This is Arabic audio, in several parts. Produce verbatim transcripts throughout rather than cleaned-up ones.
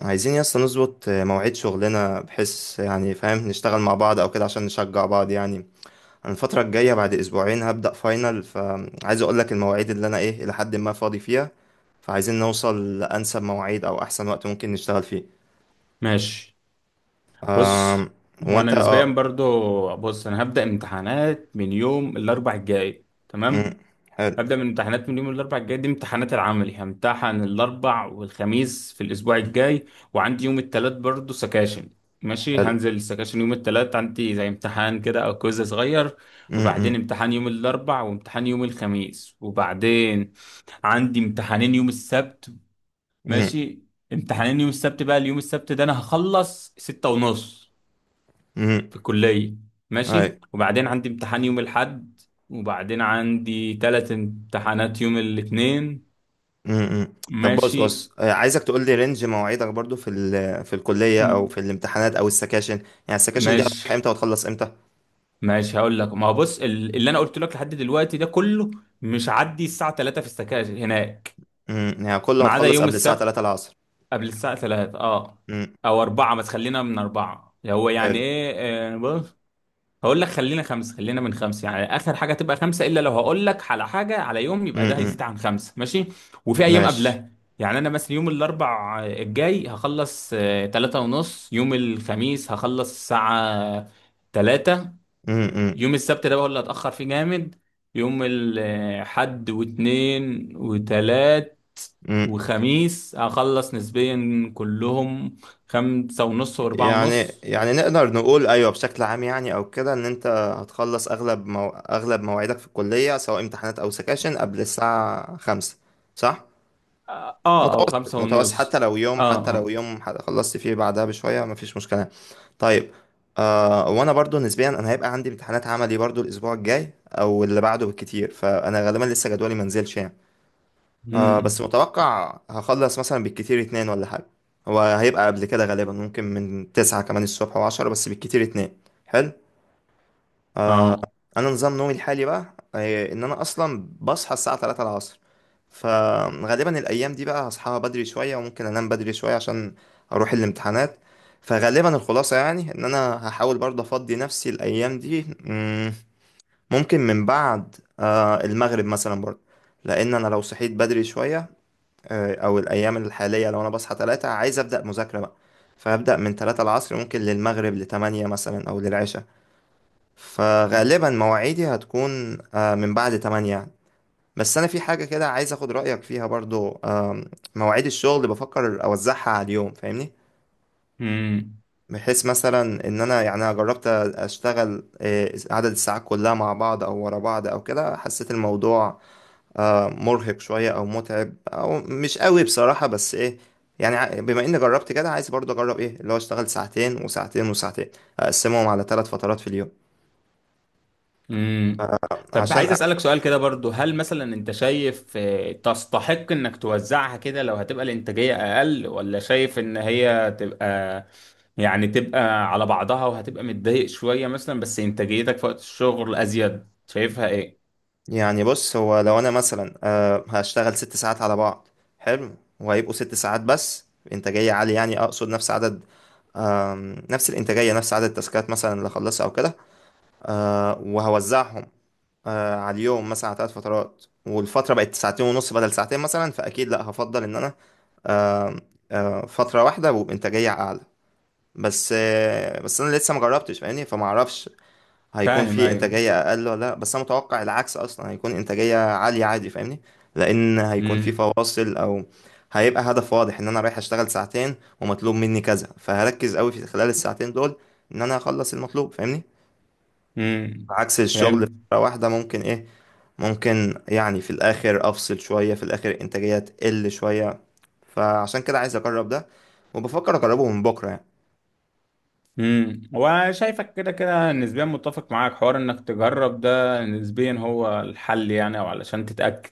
عايزين يا اسطى نظبط مواعيد شغلنا بحيث يعني فاهم نشتغل مع بعض او كده عشان نشجع بعض يعني. انا الفترة الجاية بعد اسبوعين هبدأ فاينل، فعايز اقول لك المواعيد اللي انا ايه الى حد ما فاضي فيها، فعايزين نوصل لانسب مواعيد او احسن وقت ممكن نشتغل فيه. ماشي. ف بص، هو هو انا انت نسبيا اه برضو. بص، انا هبدأ امتحانات من يوم الاربع الجاي. مم. تمام. حلو. هبدأ من امتحانات من يوم الاربع الجاي، دي امتحانات العملي، همتحن الاربع والخميس في الاسبوع الجاي. وعندي يوم التلات برضو سكاشن. ماشي. حلو. هنزل السكاشن يوم التلات، عندي زي امتحان كده او كويز صغير. مم. مم. وبعدين امتحان يوم الاربع وامتحان يوم الخميس. وبعدين عندي امتحانين يوم السبت. مم. ماشي. امتحانين يوم السبت بقى، اليوم السبت ده انا هخلص ستة ونص مم. في الكلية. اي. ماشي. وبعدين عندي امتحان يوم الأحد. وبعدين عندي تلات امتحانات يوم الاثنين. مم. مم. طب، بص ماشي. بص آه، عايزك تقول لي رينج مواعيدك برضو في ال- في الكلية او في م- الامتحانات او السكاشن، يعني السكاشن دي ماشي. هتروح امتى وتخلص امتى؟ ماشي، هقول لك. ما هو بص، ال- اللي انا قلت لك لحد دلوقتي ده كله مش عدي الساعة ثلاثة في السكاشن هناك، امم يعني كله ما عدا هتخلص يوم قبل الساعة السبت. تلاتة العصر؟ قبل الساعة ثلاثة، اه، امم. او اربعة. ما تخلينا من اربعة، هو يعني حلو. ايه. آه، بص، هقول لك، خلينا خمسة، خلينا من خمسة، يعني آخر حاجة تبقى خمسة، إلا لو هقول لك على حاجة على يوم يبقى ده هيزيد امم. عن خمسة، ماشي. وفي أيام ماشي. قبلها. يعني أنا مثلا يوم الأربع الجاي هخلص آه، تلاتة ونص. يوم الخميس هخلص الساعة تلاتة. امم. يوم السبت ده بقى هو اللي هتأخر فيه جامد. يوم الحد واتنين وتلات امم. وخميس هخلص نسبيا كلهم خمسة ونص وأربعة يعني، ونص يعني نقدر نقول ايوه بشكل عام يعني او كده، ان انت هتخلص اغلب مو... اغلب مواعيدك في الكلية سواء امتحانات او سكاشن قبل الساعة خمسة، صح؟ آه آه، أو متوسط، خمسة متوسط، حتى ونص. لو يوم، اه. حتى لو اه. يوم ح- خلصت فيه بعدها بشوية مفيش مشكلة. طيب. آه وانا برضو نسبيا انا هيبقى عندي امتحانات عملي برضو الاسبوع الجاي او اللي بعده بالكتير، فانا غالبا لسه جدولي منزلش يعني. آه بس امم. متوقع هخلص مثلا بالكتير اتنين ولا حاجة، هو هيبقى قبل كده غالبا، ممكن من تسعة كمان الصبح وعشرة، بس بالكتير اتنين. حلو. اه. أنا نظام نومي الحالي بقى آه، إن أنا أصلا بصحى الساعة تلاتة العصر، فغالبا الأيام دي بقى هصحى بدري شوية وممكن أنام بدري شوية عشان أروح الامتحانات. فغالبا الخلاصة يعني إن أنا هحاول برضه أفضي نفسي الأيام دي مم، ممكن من بعد آه، المغرب مثلا برضه، لأن أنا لو صحيت بدري شوية. آه، او الايام الحاليه لو انا بصحى تلاتة عايز ابدا مذاكره بقى، فابدا من تلاتة العصر ممكن للمغرب ل تمانية مثلا او للعشاء. فغالبا مواعيدي هتكون آه، من بعد تمانية يعني. بس انا في حاجه كده عايز اخد رايك فيها برضو آم، مواعيد الشغل اللي بفكر اوزعها على اليوم فاهمني؟ امم. بحيث مثلا ان انا يعني، انا جربت اشتغل آه، عدد الساعات كلها مع بعض او ورا بعض او كده، حسيت الموضوع آه، مرهق شوية أو متعب أو مش قوي بصراحة، بس إيه يعني، ع- بما إني جربت كده عايز برضه أجرب إيه اللي هو أشتغل ساعتين وساعتين وساعتين، أقسمهم على ثلاث فترات في اليوم. امم. طب، عشان عايز أ- اسالك سؤال كده برضو، هل مثلا انت شايف آه، تستحق انك توزعها كده لو هتبقى الانتاجيه اقل، ولا شايف ان هي تبقى، يعني تبقى على بعضها وهتبقى متضايق شويه مثلا بس انتاجيتك في وقت الشغل ازيد؟ شايفها ايه؟ يعني بص، هو لو أنا مثلا آه، هشتغل ست ساعات على بعض. حلو. وهيبقوا ست ساعات بس إنتاجية عالية، يعني أقصد نفس عدد آم، نفس الإنتاجية، نفس عدد التاسكات مثلا اللي أخلصها أو كده. آه، وهوزعهم آه، على اليوم مثلا على ثلاث فترات، والفترة بقت ساعتين ونص بدل ساعتين مثلا، فأكيد لأ هفضل إن أنا آه، فترة واحدة وبإنتاجية أعلى. بس آه، بس أنا لسه مجربتش فاهمني، فما أعرفش هيكون فاهم، في ايوه. إنتاجية أقل ولا لأ، بس أنا متوقع العكس أصلا، هيكون إنتاجية عالية عادي فاهمني، لأن هيكون في امم. فواصل أو هيبقى هدف واضح إن أنا رايح أشتغل ساعتين ومطلوب مني كذا، فهركز أوي في خلال الساعتين دول إن أنا أخلص المطلوب فاهمني. امم. عكس الشغل فهمت. فترة واحدة ممكن إيه، ممكن يعني في الاخر افصل شوية، في الاخر الانتاجية تقل شوية. فعشان كده عايز اجرب ده، وبفكر اجربه من بكرة يعني. امم. وشايفك كده كده نسبيا متفق معاك، حوار انك تجرب ده نسبيا هو الحل يعني، او علشان تتاكد.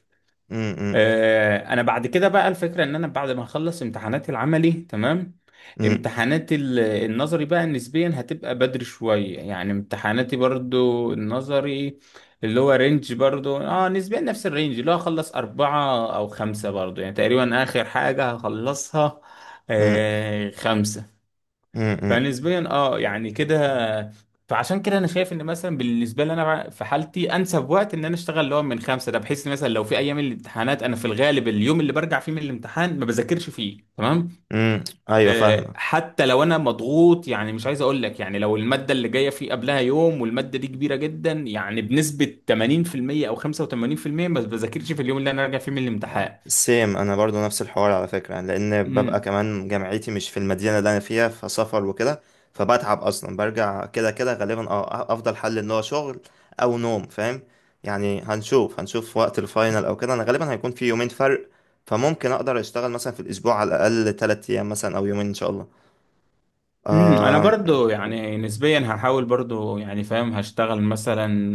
امم. آه، انا بعد كده بقى الفكره ان انا بعد ما اخلص امتحانات العملي تمام، امم. امتحانات ال- النظري بقى نسبيا هتبقى بدري شويه، يعني امتحاناتي برضو النظري اللي هو رينج برضو اه نسبيا نفس الرينج، اللي هو اخلص اربعة او خمسة برضو، يعني تقريبا اخر حاجة هخلصها امم. آه خمسة. امم. فنسبيا اه يعني كده. فعشان كده انا شايف ان مثلا بالنسبه لي، انا في حالتي انسب وقت ان انا اشتغل اللي هو من خمسه ده، بحيث إن مثلا لو في ايام الامتحانات انا في الغالب اليوم اللي برجع فيه من الامتحان ما بذاكرش فيه. تمام. امم. ايوه آه، فاهمك. حتى لو انا مضغوط، يعني مش عايز اقول لك يعني، لو الماده اللي جايه فيه قبلها يوم والماده دي كبيره جدا يعني بنسبه ثمانين في المية او خمسة وتمانين بالمية، ما بذاكرش في اليوم اللي انا راجع فيه من الامتحان. سيم، انا برضو نفس الحوار على فكره يعني، لان ببقى مم. كمان جامعتي مش في المدينه اللي انا فيها فسفر وكده. فبتعب اصلا، برجع كده كده غالبا اه، أه، افضل حل ان هو شغل او نوم فاهم؟ يعني هنشوف هنشوف وقت الفاينل او كده، انا غالبا هيكون في يومين فرق، فممكن اقدر اشتغل مثلا في الاسبوع على الاقل تلاتة ايام مثلا او يومين ان شاء الله. امم. انا آه. برضو يعني نسبيا هحاول برضو، يعني فاهم هشتغل مثلا،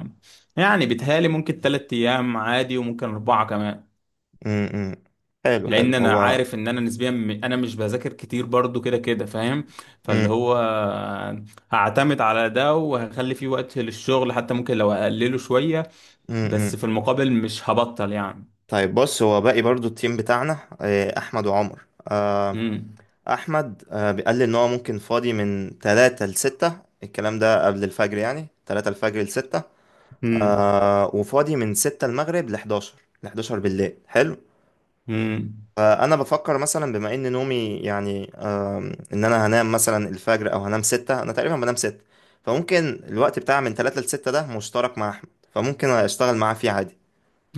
آه، يعني بيتهيالي ممكن تلات ايام عادي، وممكن اربعة كمان. م -م. حلو. حلو. لان انا هو عارف ان انا نسبيا م- انا مش بذاكر كتير برضو كده كده فاهم. فاللي م هو هعتمد على ده وهخلي فيه وقت للشغل، حتى ممكن لو اقلله شوية، -م -م. بس في المقابل مش هبطل يعني. طيب، بص، هو باقي برضو التيم بتاعنا آه، احمد وعمر. آه، امم. احمد آه، بيقال لي ان هو ممكن فاضي من تلاتة ل ستة، الكلام ده قبل الفجر يعني تلاتة الفجر ل ستة. امم. آه، وفاضي من ستة المغرب ل حداشر، ل حداشر بالليل. حلو. امم. فانا بفكر مثلا، بما ان نومي يعني آم، ان انا هنام مثلا الفجر او هنام ستة، انا تقريبا بنام ستة، فممكن الوقت بتاع من تلاتة ل ستة ده مشترك مع احمد، فممكن اشتغل معاه فيه عادي.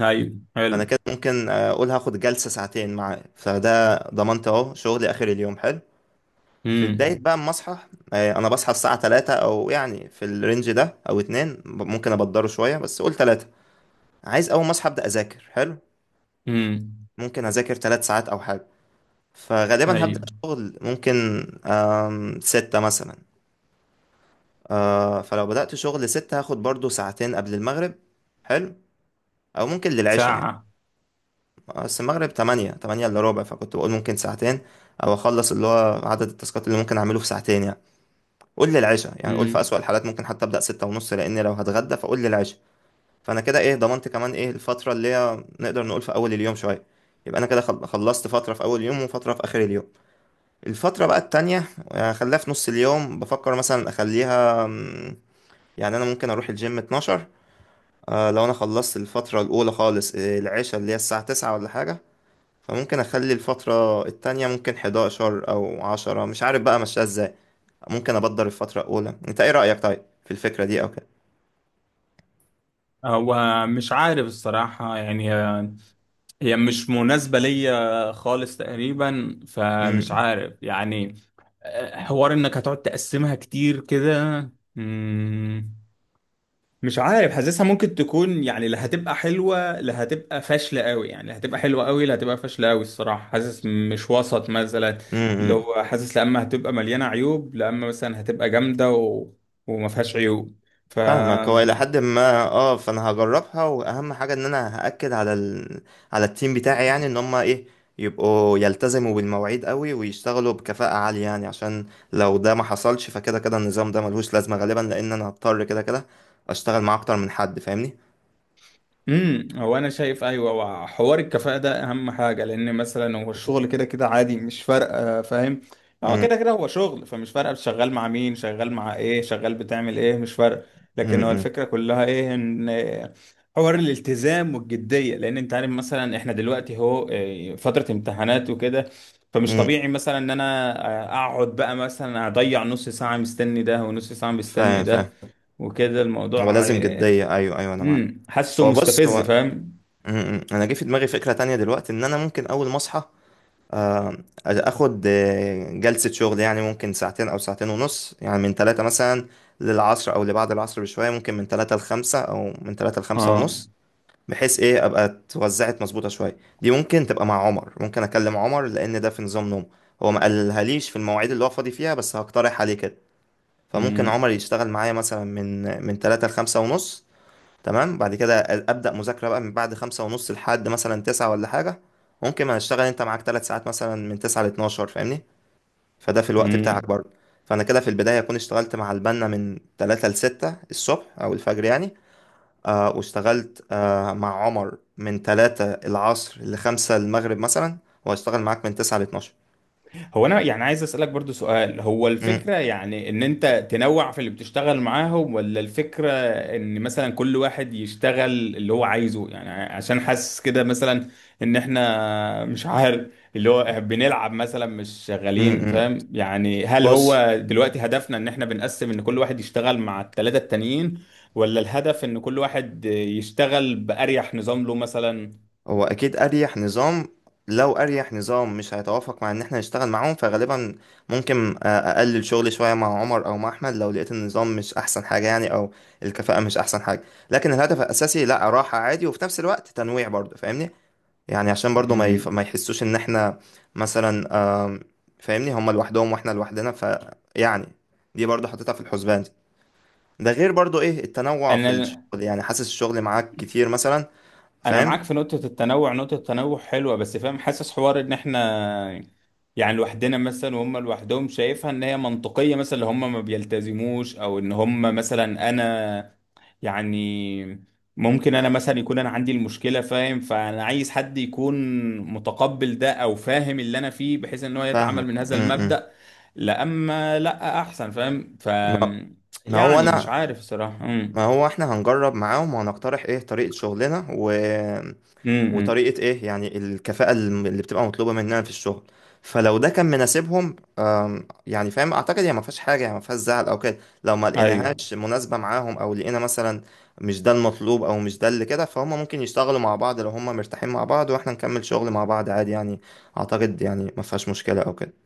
ايوه، حلو. فانا كده ممكن آه، اقول هاخد جلسة ساعتين معاه، فده ضمنت اهو شغلي اخر اليوم. حلو. في بداية امم. بقى ما اصحى، آه، انا بصحى الساعة تلاتة، او يعني في الرينج ده او اتنين، ممكن ابدره شوية بس قول تلاتة. عايز اول ما اصحى ابدا اذاكر. حلو. امم. ممكن اذاكر تلاتة ساعات او حاجة، فغالبا هبدا ايوه. شغل ممكن آم، ستة مثلا. آه، فلو بدات شغل ستة هاخد برضو ساعتين قبل المغرب. حلو. او ممكن للعشاء يعني، ساعة. بس المغرب تمانية تمانية الا ربع، فكنت بقول ممكن ساعتين او اخلص اللي هو عدد التاسكات اللي ممكن اعمله في ساعتين يعني. قول لي العشاء يعني، قول في أسوأ الحالات ممكن حتى أبدأ ستة ونص، لأن لو هتغدى فقول لي العشاء. فأنا كده إيه، ضمنت كمان إيه الفترة اللي هي نقدر نقول في أول اليوم شوية، يبقى أنا كده خل- خلصت فترة في أول يوم وفترة في آخر اليوم. الفترة بقى التانية آه، خليها في نص اليوم، بفكر مثلا أخليها مم، يعني أنا ممكن أروح الجيم اتناشر. آه، لو أنا خلصت الفترة الأولى خالص آه، العشاء اللي هي الساعة تسعة ولا حاجة، فممكن اخلي الفترة التانية ممكن احد عشر او عشرة، مش عارف بقى ماشية ازاي، ممكن ابدر الفترة الاولى. انت ايه رأيك طيب في الفكرة دي او كده؟ هو مش عارف الصراحة، يعني هي، هي مش مناسبة ليا خالص تقريبا، فمش امم. عارف يعني. آه، حوار انك هتقعد تقسمها كتير كده. مم، مش عارف، حاسسها ممكن تكون يعني لا هتبقى حلوة لا هتبقى فاشلة قوي، يعني لا هتبقى حلوة قوي لا هتبقى فاشلة قوي. الصراحة حاسس مش وسط مثلا. امم. لو حاسس لا اما هتبقى مليانة عيوب، لا اما مثلا هتبقى جامدة و... وما فيهاش عيوب. ف فاهمك، هو الى حد ما اه، فانا هجربها. واهم حاجة ان انا هأكد على ال... على التيم بتاعي، يعني ان هم ايه، يبقوا يلتزموا بالمواعيد قوي ويشتغلوا بكفاءة عالية يعني، عشان لو ده ما حصلش فكده كده النظام ده ملهوش لازمة غالبا، لان انا هضطر كده كده اشتغل مع اكتر من حد فاهمني. امم. هو انا شايف ايوه. وحوار الكفاءه ده اهم حاجه، لان مثلا هو الشغل كده كده عادي مش فارقه فاهم. هو امم. كده كده هو شغل، فمش فارقه شغال مع مين، شغال مع ايه، شغال بتعمل ايه، مش فارقه. لكن هو امم. الفكره كلها ايه، ان حوار الالتزام والجديه. لان انت عارف مثلا احنا دلوقتي هو إيه، فتره امتحانات وكده، فمش امم. طبيعي مثلا ان انا آه، اقعد بقى مثلا اضيع نص ساعه مستني ده ونص ساعه مستني فاهم ده فاهم وكده هو الموضوع. لازم آه، جدية، أيوه أيوه أنا معاك. امم. حاسه هو بص مستفز هو فاهم. م- م. أنا جه في دماغي فكرة تانية دلوقتي، إن أنا ممكن أول ما أصحى آه، اخد آه، جلسة شغل يعني، ممكن ساعتين او ساعتين ونص يعني، من ثلاثة مثلا للعصر او لبعد العصر بشوية، ممكن من ثلاثة لخمسة او من ثلاثة لخمسة اه. ونص، بحيث ايه ابقى اتوزعت مظبوطة شوية. دي ممكن تبقى مع عمر، ممكن اكلم عمر لان ده في نظام نوم، هو ما قالهاليش في المواعيد اللي هو فاضي فيها، بس هقترح عليه كده. فممكن امم. عمر يشتغل معايا مثلا من من ثلاثة لخمسة ونص. تمام. بعد كده ابدا مذاكره بقى من بعد خمسة ونص لحد مثلا تسعة ولا حاجه. ممكن ما هشتغل انت معاك ثلاث ساعات مثلا من تسعة ل اثنا عشر فاهمني، فده في الوقت بتاعك امم. برضه. فانا كده في البدايه اكون اشتغلت مع البنا من تلاتة ل ستة الصبح او الفجر يعني. آه واشتغلت آه مع عمر من تلاتة العصر ل خمسة المغرب مثلا، وهشتغل معاك من تسعة ل اثنا عشر. هو انا يعني عايز اسالك برضو سؤال، هو امم. الفكره يعني ان انت تنوع في اللي بتشتغل معاهم، ولا الفكره ان مثلا كل واحد يشتغل اللي هو عايزه؟ يعني عشان حاسس كده مثلا، ان احنا مش عارف اللي هو بنلعب مثلا مش شغالين امم. فاهم. يعني هل بص، هو دلوقتي هدفنا ان احنا بنقسم ان كل واحد يشتغل مع الثلاثه التانيين، ولا الهدف ان كل واحد يشتغل باريح نظام له مثلا؟ هو اكيد اريح نظام. لو اريح نظام مش هيتوافق مع ان احنا نشتغل معاهم، فغالبا ممكن آه، اقلل شغلي شويه مع عمر او مع احمد لو لقيت النظام مش احسن حاجه يعني، او الكفاءه مش احسن حاجه. لكن الهدف الاساسي لا، راحه عادي وفي نفس الوقت تنويع برضه فاهمني، يعني عشان برضه ما يف... مم. ما يحسوش ان احنا مثلا آم، فاهمني، هما لوحدهم واحنا لوحدنا، ف، يعني، دي برضه حطيتها في الحسبان. ده غير برضه ايه التنوع في الشغل، انا يعني حاسس الشغل معاك كتير مثلا انا فاهم. معاك في نقطه التنوع. نقطه التنوع حلوه، بس فاهم حاسس حوار ان احنا، يعني لوحدنا مثلا وهم لوحدهم، شايفها ان هي منطقيه مثلا. اللي هم ما بيلتزموش، او ان هم مثلا انا، يعني ممكن انا مثلا يكون انا عندي المشكله فاهم، فانا عايز حد يكون متقبل ده او فاهم اللي انا فيه، بحيث ان هو يتعامل فاهمك. من م- هذا م. المبدأ. لا اما لا احسن فاهم. ف ما ما هو يعني مش انا، عارف الصراحه. ما امم. هو احنا هنجرب معاهم وهنقترح ايه طريقة شغلنا و... امم. وطريقة ايه يعني الكفاءة الم- اللي بتبقى مطلوبة مننا في الشغل. فلو ده كان مناسبهم آم، يعني فاهم، اعتقد هي ما فيهاش حاجة يعني، ما فيهاش زعل او كده. لو ما ايوه لقيناهاش مناسبة معاهم او لقينا مثلا مش ده المطلوب او مش ده اللي كده فهم، ممكن يشتغلوا مع بعض لو هم مرتاحين مع بعض، واحنا نكمل شغل مع بعض عادي يعني، اعتقد يعني ما فيهاش مشكلة او كده.